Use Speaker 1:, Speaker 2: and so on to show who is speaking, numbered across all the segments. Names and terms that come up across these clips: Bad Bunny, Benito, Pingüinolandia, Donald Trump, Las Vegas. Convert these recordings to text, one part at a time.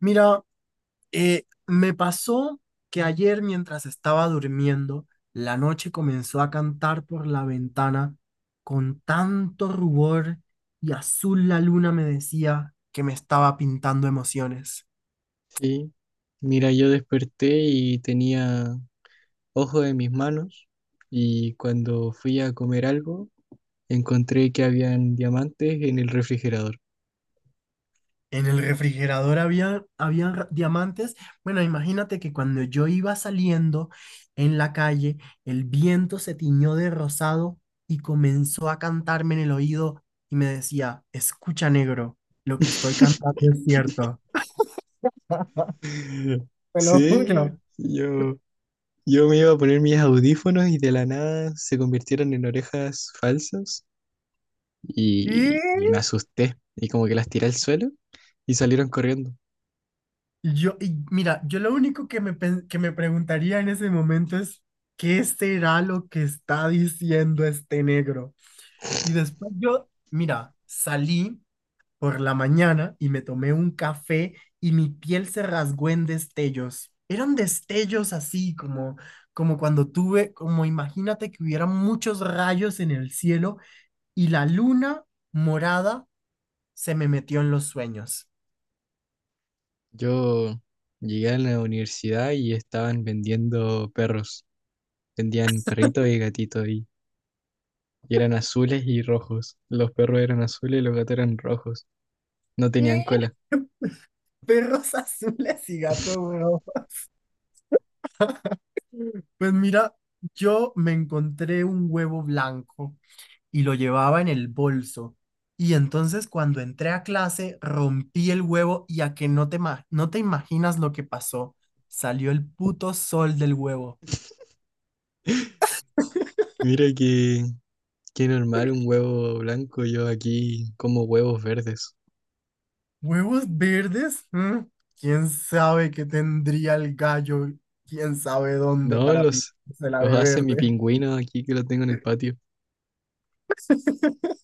Speaker 1: Mira, me pasó que ayer mientras estaba durmiendo, la noche comenzó a cantar por la ventana con tanto rubor y azul la luna me decía que me estaba pintando emociones.
Speaker 2: Sí, mira, yo desperté y tenía ojo en mis manos y cuando fui a comer algo, encontré que habían diamantes en el refrigerador.
Speaker 1: En el refrigerador habían diamantes. Bueno, imagínate que cuando yo iba saliendo en la calle, el viento se tiñó de rosado y comenzó a cantarme en el oído y me decía, escucha negro, lo que estoy cantando es cierto. Te lo
Speaker 2: Sí,
Speaker 1: juro.
Speaker 2: yo, yo me iba a poner mis audífonos y de la nada se convirtieron en orejas falsas y me
Speaker 1: Y
Speaker 2: asusté y como que las tiré al suelo y salieron corriendo.
Speaker 1: y mira, yo lo único que que me preguntaría en ese momento es, ¿qué será lo que está diciendo este negro? Y después yo, mira, salí, por la mañana y me tomé un café y mi piel se rasgó en destellos. Eran destellos así como como imagínate que hubiera muchos rayos en el cielo y la luna morada se me metió en los sueños.
Speaker 2: Yo llegué a la universidad y estaban vendiendo perros. Vendían perritos y gatitos y eran azules y rojos. Los perros eran azules y los gatos eran rojos. No tenían
Speaker 1: ¿Qué?
Speaker 2: cola.
Speaker 1: Perros azules y gatos rojos. Pues mira, yo me encontré un huevo blanco y lo llevaba en el bolso. Y entonces cuando entré a clase rompí el huevo y a que no te, no te imaginas lo que pasó. Salió el puto sol del huevo.
Speaker 2: Mira que, qué normal un huevo blanco. Yo aquí como huevos verdes.
Speaker 1: ¿Huevos verdes? ¿Mm? ¿Quién sabe qué tendría el gallo? ¿Quién sabe dónde
Speaker 2: No,
Speaker 1: para pintársela
Speaker 2: los
Speaker 1: de
Speaker 2: hace mi
Speaker 1: verde?
Speaker 2: pingüino aquí que lo tengo en el patio.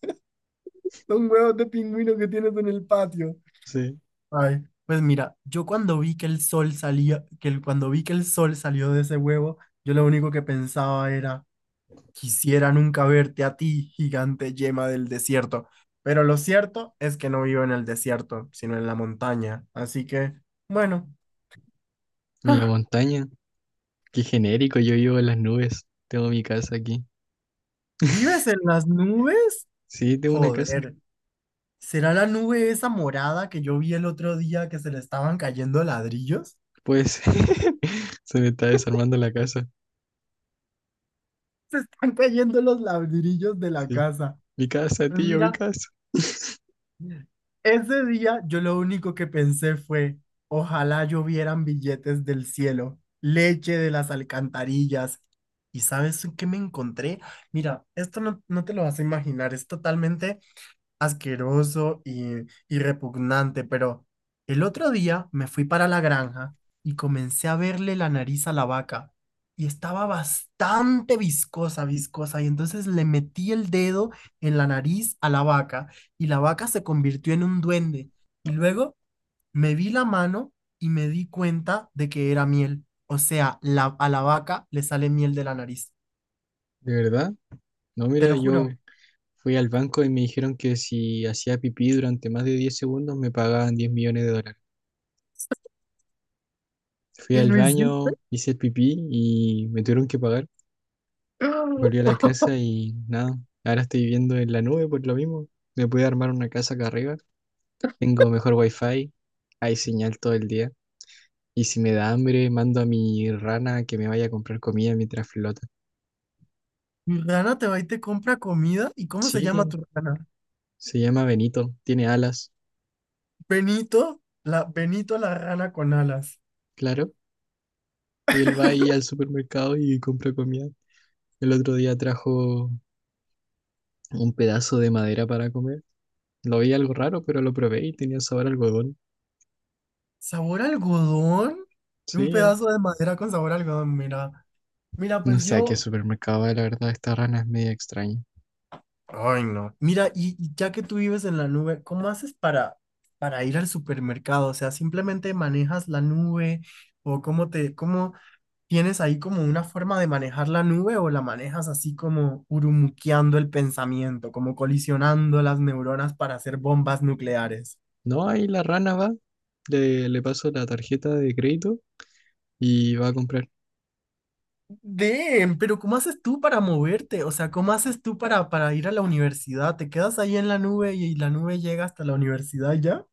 Speaker 1: Son huevos de pingüino que tienes en el patio.
Speaker 2: Sí.
Speaker 1: Ay, pues mira, yo cuando vi que el sol salía, cuando vi que el sol salió de ese huevo, yo lo único que pensaba era, quisiera nunca verte a ti, gigante yema del desierto. Pero lo cierto es que no vivo en el desierto, sino en la montaña. Así que, bueno,
Speaker 2: En la
Speaker 1: ah,
Speaker 2: montaña. Qué genérico, yo vivo en las nubes. Tengo mi casa aquí.
Speaker 1: ¿vives en las nubes?
Speaker 2: Sí, tengo una casa.
Speaker 1: Joder, ¿será la nube esa morada que yo vi el otro día que se le estaban cayendo ladrillos?
Speaker 2: Pues se me está desarmando la casa.
Speaker 1: Se están cayendo los ladrillos de la
Speaker 2: Sí.
Speaker 1: casa.
Speaker 2: Mi casa,
Speaker 1: Pues
Speaker 2: tío, mi
Speaker 1: mira,
Speaker 2: casa.
Speaker 1: ese día yo lo único que pensé fue, ojalá llovieran billetes del cielo, leche de las alcantarillas. ¿Y sabes qué me encontré? Mira, esto no, no te lo vas a imaginar, es totalmente asqueroso y repugnante, pero el otro día me fui para la granja y comencé a verle la nariz a la vaca y estaba bastante viscosa, viscosa, y entonces le metí el dedo en la nariz a la vaca y la vaca se convirtió en un duende y luego me vi la mano y me di cuenta de que era miel, o sea, la, a la vaca le sale miel de la nariz,
Speaker 2: ¿De verdad? No,
Speaker 1: te
Speaker 2: mira,
Speaker 1: lo juro.
Speaker 2: yo fui al banco y me dijeron que si hacía pipí durante más de 10 segundos me pagaban 10 millones de dólares. Fui
Speaker 1: Y
Speaker 2: al
Speaker 1: Luisito.
Speaker 2: baño, hice el pipí y me tuvieron que pagar. Volví a la casa y nada, ahora estoy viviendo en la nube por lo mismo. Me pude armar una casa acá arriba. Tengo mejor wifi, hay señal todo el día. Y si me da hambre, mando a mi rana que me vaya a comprar comida mientras flota.
Speaker 1: Mi rana te va y te compra comida. ¿Y cómo se
Speaker 2: Sí,
Speaker 1: llama
Speaker 2: tiene.
Speaker 1: tu rana?
Speaker 2: Se llama Benito, tiene alas,
Speaker 1: Benito, la rana con alas.
Speaker 2: claro. Y él va ahí al supermercado y compra comida. El otro día trajo un pedazo de madera para comer. Lo vi algo raro, pero lo probé y tenía sabor a algodón.
Speaker 1: ¿Sabor a algodón? Un
Speaker 2: Sí, al-
Speaker 1: pedazo de madera con sabor a algodón, mira. Mira,
Speaker 2: no
Speaker 1: pues
Speaker 2: sé a qué
Speaker 1: yo.
Speaker 2: supermercado va, la verdad, esta rana es media extraña.
Speaker 1: Ay, no. Mira, y ya que tú vives en la nube, ¿cómo haces para ir al supermercado? O sea, simplemente manejas la nube o cómo te, cómo, ¿Tienes ahí como una forma de manejar la nube o la manejas así como urumuqueando el pensamiento, como colisionando las neuronas para hacer bombas nucleares?
Speaker 2: No, ahí la rana va, le paso la tarjeta de crédito y va a comprar.
Speaker 1: Damn, pero ¿cómo haces tú para moverte? O sea, ¿cómo haces tú para ir a la universidad? ¿Te quedas ahí en la nube y la nube llega hasta la universidad y ya?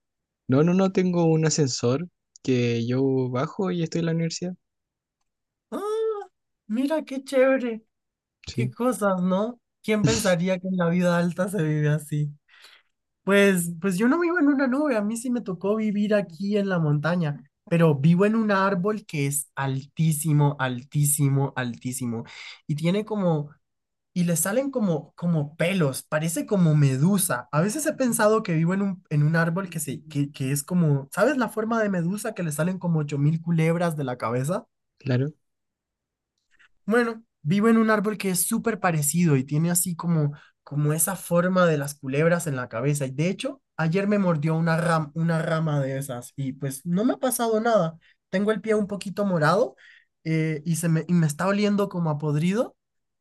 Speaker 2: No, no, no, tengo un ascensor que yo bajo y estoy en la universidad.
Speaker 1: Ah, mira qué chévere, qué
Speaker 2: Sí,
Speaker 1: cosas, ¿no? ¿Quién pensaría que en la vida alta se vive así? Pues, pues yo no vivo en una nube, a mí sí me tocó vivir aquí en la montaña, pero vivo en un árbol que es altísimo, altísimo, altísimo. Y tiene como, y le salen como pelos, parece como medusa. A veces he pensado que vivo en un árbol que es como, ¿sabes la forma de medusa que le salen como 8000 culebras de la cabeza?
Speaker 2: claro.
Speaker 1: Bueno, vivo en un árbol que es súper parecido y tiene así como, como esa forma de las culebras en la cabeza. Y de hecho, ayer me mordió una rama de esas y pues no me ha pasado nada. Tengo el pie un poquito morado, y me está oliendo como a podrido,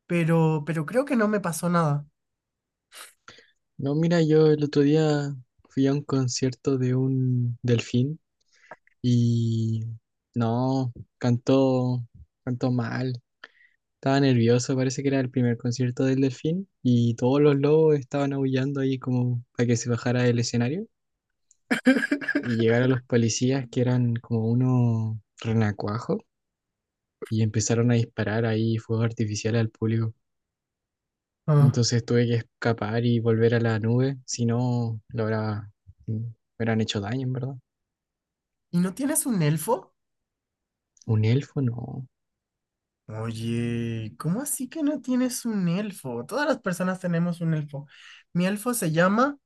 Speaker 1: pero creo que no me pasó nada.
Speaker 2: No, mira, yo el otro día fui a un concierto de un delfín y no, cantó, cantó mal. Estaba nervioso, parece que era el primer concierto del delfín y todos los lobos estaban aullando ahí como para que se bajara del escenario y llegaron los policías que eran como unos renacuajos y empezaron a disparar ahí fuegos artificiales al público.
Speaker 1: Ah,
Speaker 2: Entonces tuve que escapar y volver a la nube, si no, me hubieran hecho daño, en verdad.
Speaker 1: ¿y no tienes un elfo?
Speaker 2: Un elfo, no.
Speaker 1: Oye, ¿cómo así que no tienes un elfo? Todas las personas tenemos un elfo. Mi elfo se llama...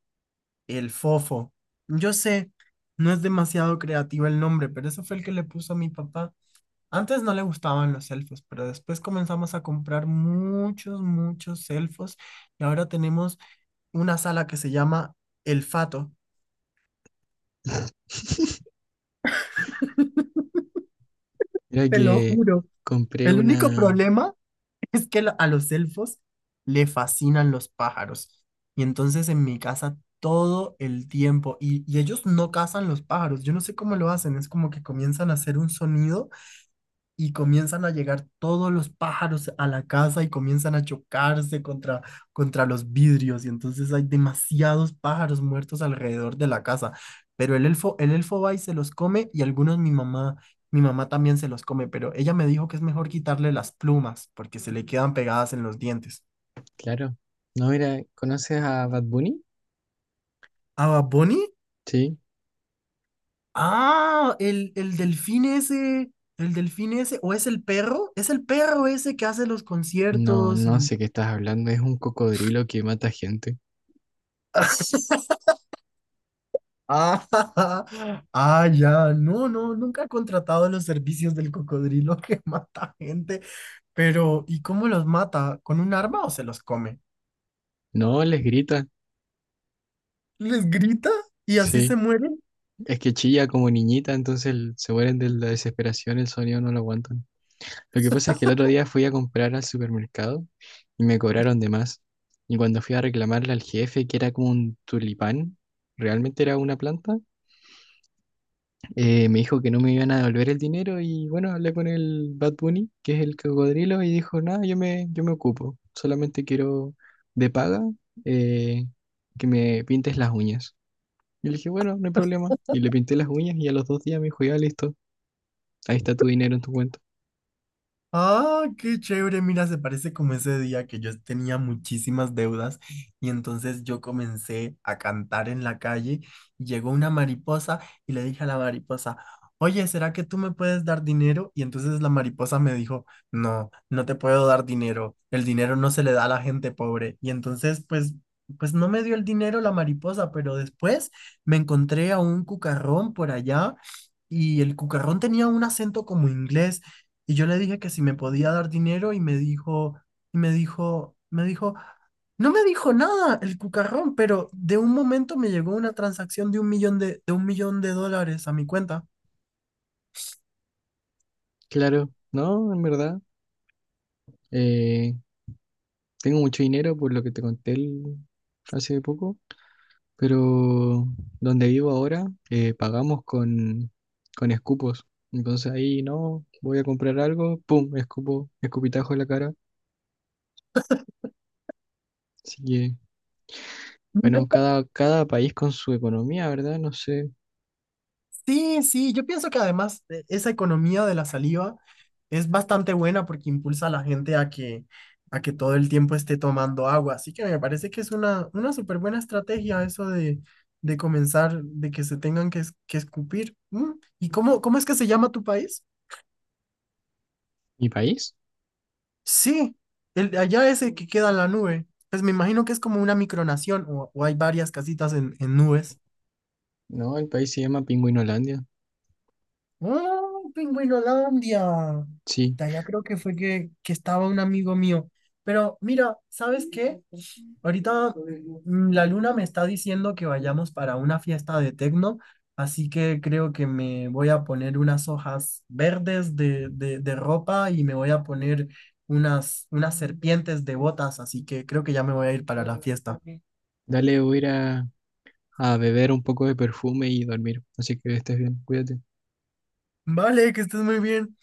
Speaker 1: El Fofo. Yo sé, no es demasiado creativo el nombre, pero ese fue el que le puso a mi papá. Antes no le gustaban los elfos, pero después comenzamos a comprar muchos, muchos elfos y ahora tenemos una sala que se llama El Fato.
Speaker 2: Mira
Speaker 1: Te lo
Speaker 2: que
Speaker 1: juro.
Speaker 2: compré
Speaker 1: El
Speaker 2: una.
Speaker 1: único problema es que a los elfos le fascinan los pájaros. Y entonces en mi casa todo el tiempo, y ellos no cazan los pájaros, yo no sé cómo lo hacen, es como que comienzan a hacer un sonido y comienzan a llegar todos los pájaros a la casa y comienzan a chocarse contra los vidrios y entonces hay demasiados pájaros muertos alrededor de la casa. Pero el elfo va y se los come y algunos mi mamá también se los come, pero ella me dijo que es mejor quitarle las plumas porque se le quedan pegadas en los dientes.
Speaker 2: Claro. No, mira, ¿conoces a Bad Bunny?
Speaker 1: ¿A Bad Bunny?
Speaker 2: Sí.
Speaker 1: Ah, el delfín ese, o es el perro ese que hace los
Speaker 2: No,
Speaker 1: conciertos
Speaker 2: no
Speaker 1: y
Speaker 2: sé qué estás hablando. Es un cocodrilo que mata gente.
Speaker 1: ah, ah, ya, no, no, nunca he contratado los servicios del cocodrilo que mata gente, pero ¿y cómo los mata? ¿Con un arma o se los come?
Speaker 2: No, les grita.
Speaker 1: ¿Les grita y así
Speaker 2: Sí.
Speaker 1: se muere?
Speaker 2: Es que chilla como niñita, entonces se mueren de la desesperación, el sonido no lo aguantan. Lo que pasa es que el otro día fui a comprar al supermercado y me cobraron de más. Y cuando fui a reclamarle al jefe, que era como un tulipán, realmente era una planta. Me dijo que no me iban a devolver el dinero y bueno, hablé con el Bad Bunny, que es el cocodrilo, y dijo, nada, yo me ocupo, solamente quiero de paga, eh, que me pintes las uñas. Y le dije, bueno, no hay problema. Y le pinté las uñas y a los 2 días me dijo, ya listo, ahí está tu dinero en tu cuenta.
Speaker 1: Ah, qué chévere, mira, se parece como ese día que yo tenía muchísimas deudas y entonces yo comencé a cantar en la calle y llegó una mariposa y le dije a la mariposa, oye, ¿será que tú me puedes dar dinero? Y entonces la mariposa me dijo, no, no te puedo dar dinero, el dinero no se le da a la gente pobre. Y entonces, pues, pues no me dio el dinero la mariposa, pero después me encontré a un cucarrón por allá y el cucarrón tenía un acento como inglés. Y yo le dije que si me podía dar dinero y me dijo, me dijo, no me dijo nada el cucarrón, pero de un momento me llegó una transacción de un millón de dólares a mi cuenta.
Speaker 2: Claro, no, en verdad, eh, tengo mucho dinero por lo que te conté hace poco. Pero donde vivo ahora, pagamos con escupos. Entonces ahí no, voy a comprar algo, pum, escupo, escupitajo en la cara. Así que, bueno, cada país con su economía, ¿verdad? No sé.
Speaker 1: Sí, sí, yo pienso que además esa economía de la saliva es bastante buena porque impulsa a la gente a que todo el tiempo esté tomando agua. Así que me parece que es una súper buena estrategia eso de comenzar, de que se tengan que, que escupir. ¿Y cómo es que se llama tu país?
Speaker 2: ¿Mi país?
Speaker 1: Sí, el, de allá ese que queda en la nube. Pues me imagino que es como una micronación o hay varias casitas en nubes.
Speaker 2: No, el país se llama Pingüinolandia.
Speaker 1: ¡Ah, Pingüinolandia!
Speaker 2: Sí,
Speaker 1: De allá creo que fue que estaba un amigo mío. Pero mira, ¿sabes qué? Ahorita la luna me está diciendo que vayamos para una fiesta de tecno, así que creo que me voy a poner unas hojas verdes de ropa y me voy a poner unas serpientes de botas, así que creo que ya me voy a ir para la fiesta.
Speaker 2: dale, voy a ir a beber un poco de perfume y dormir. Así que estés bien, cuídate.
Speaker 1: Vale, que estés muy bien.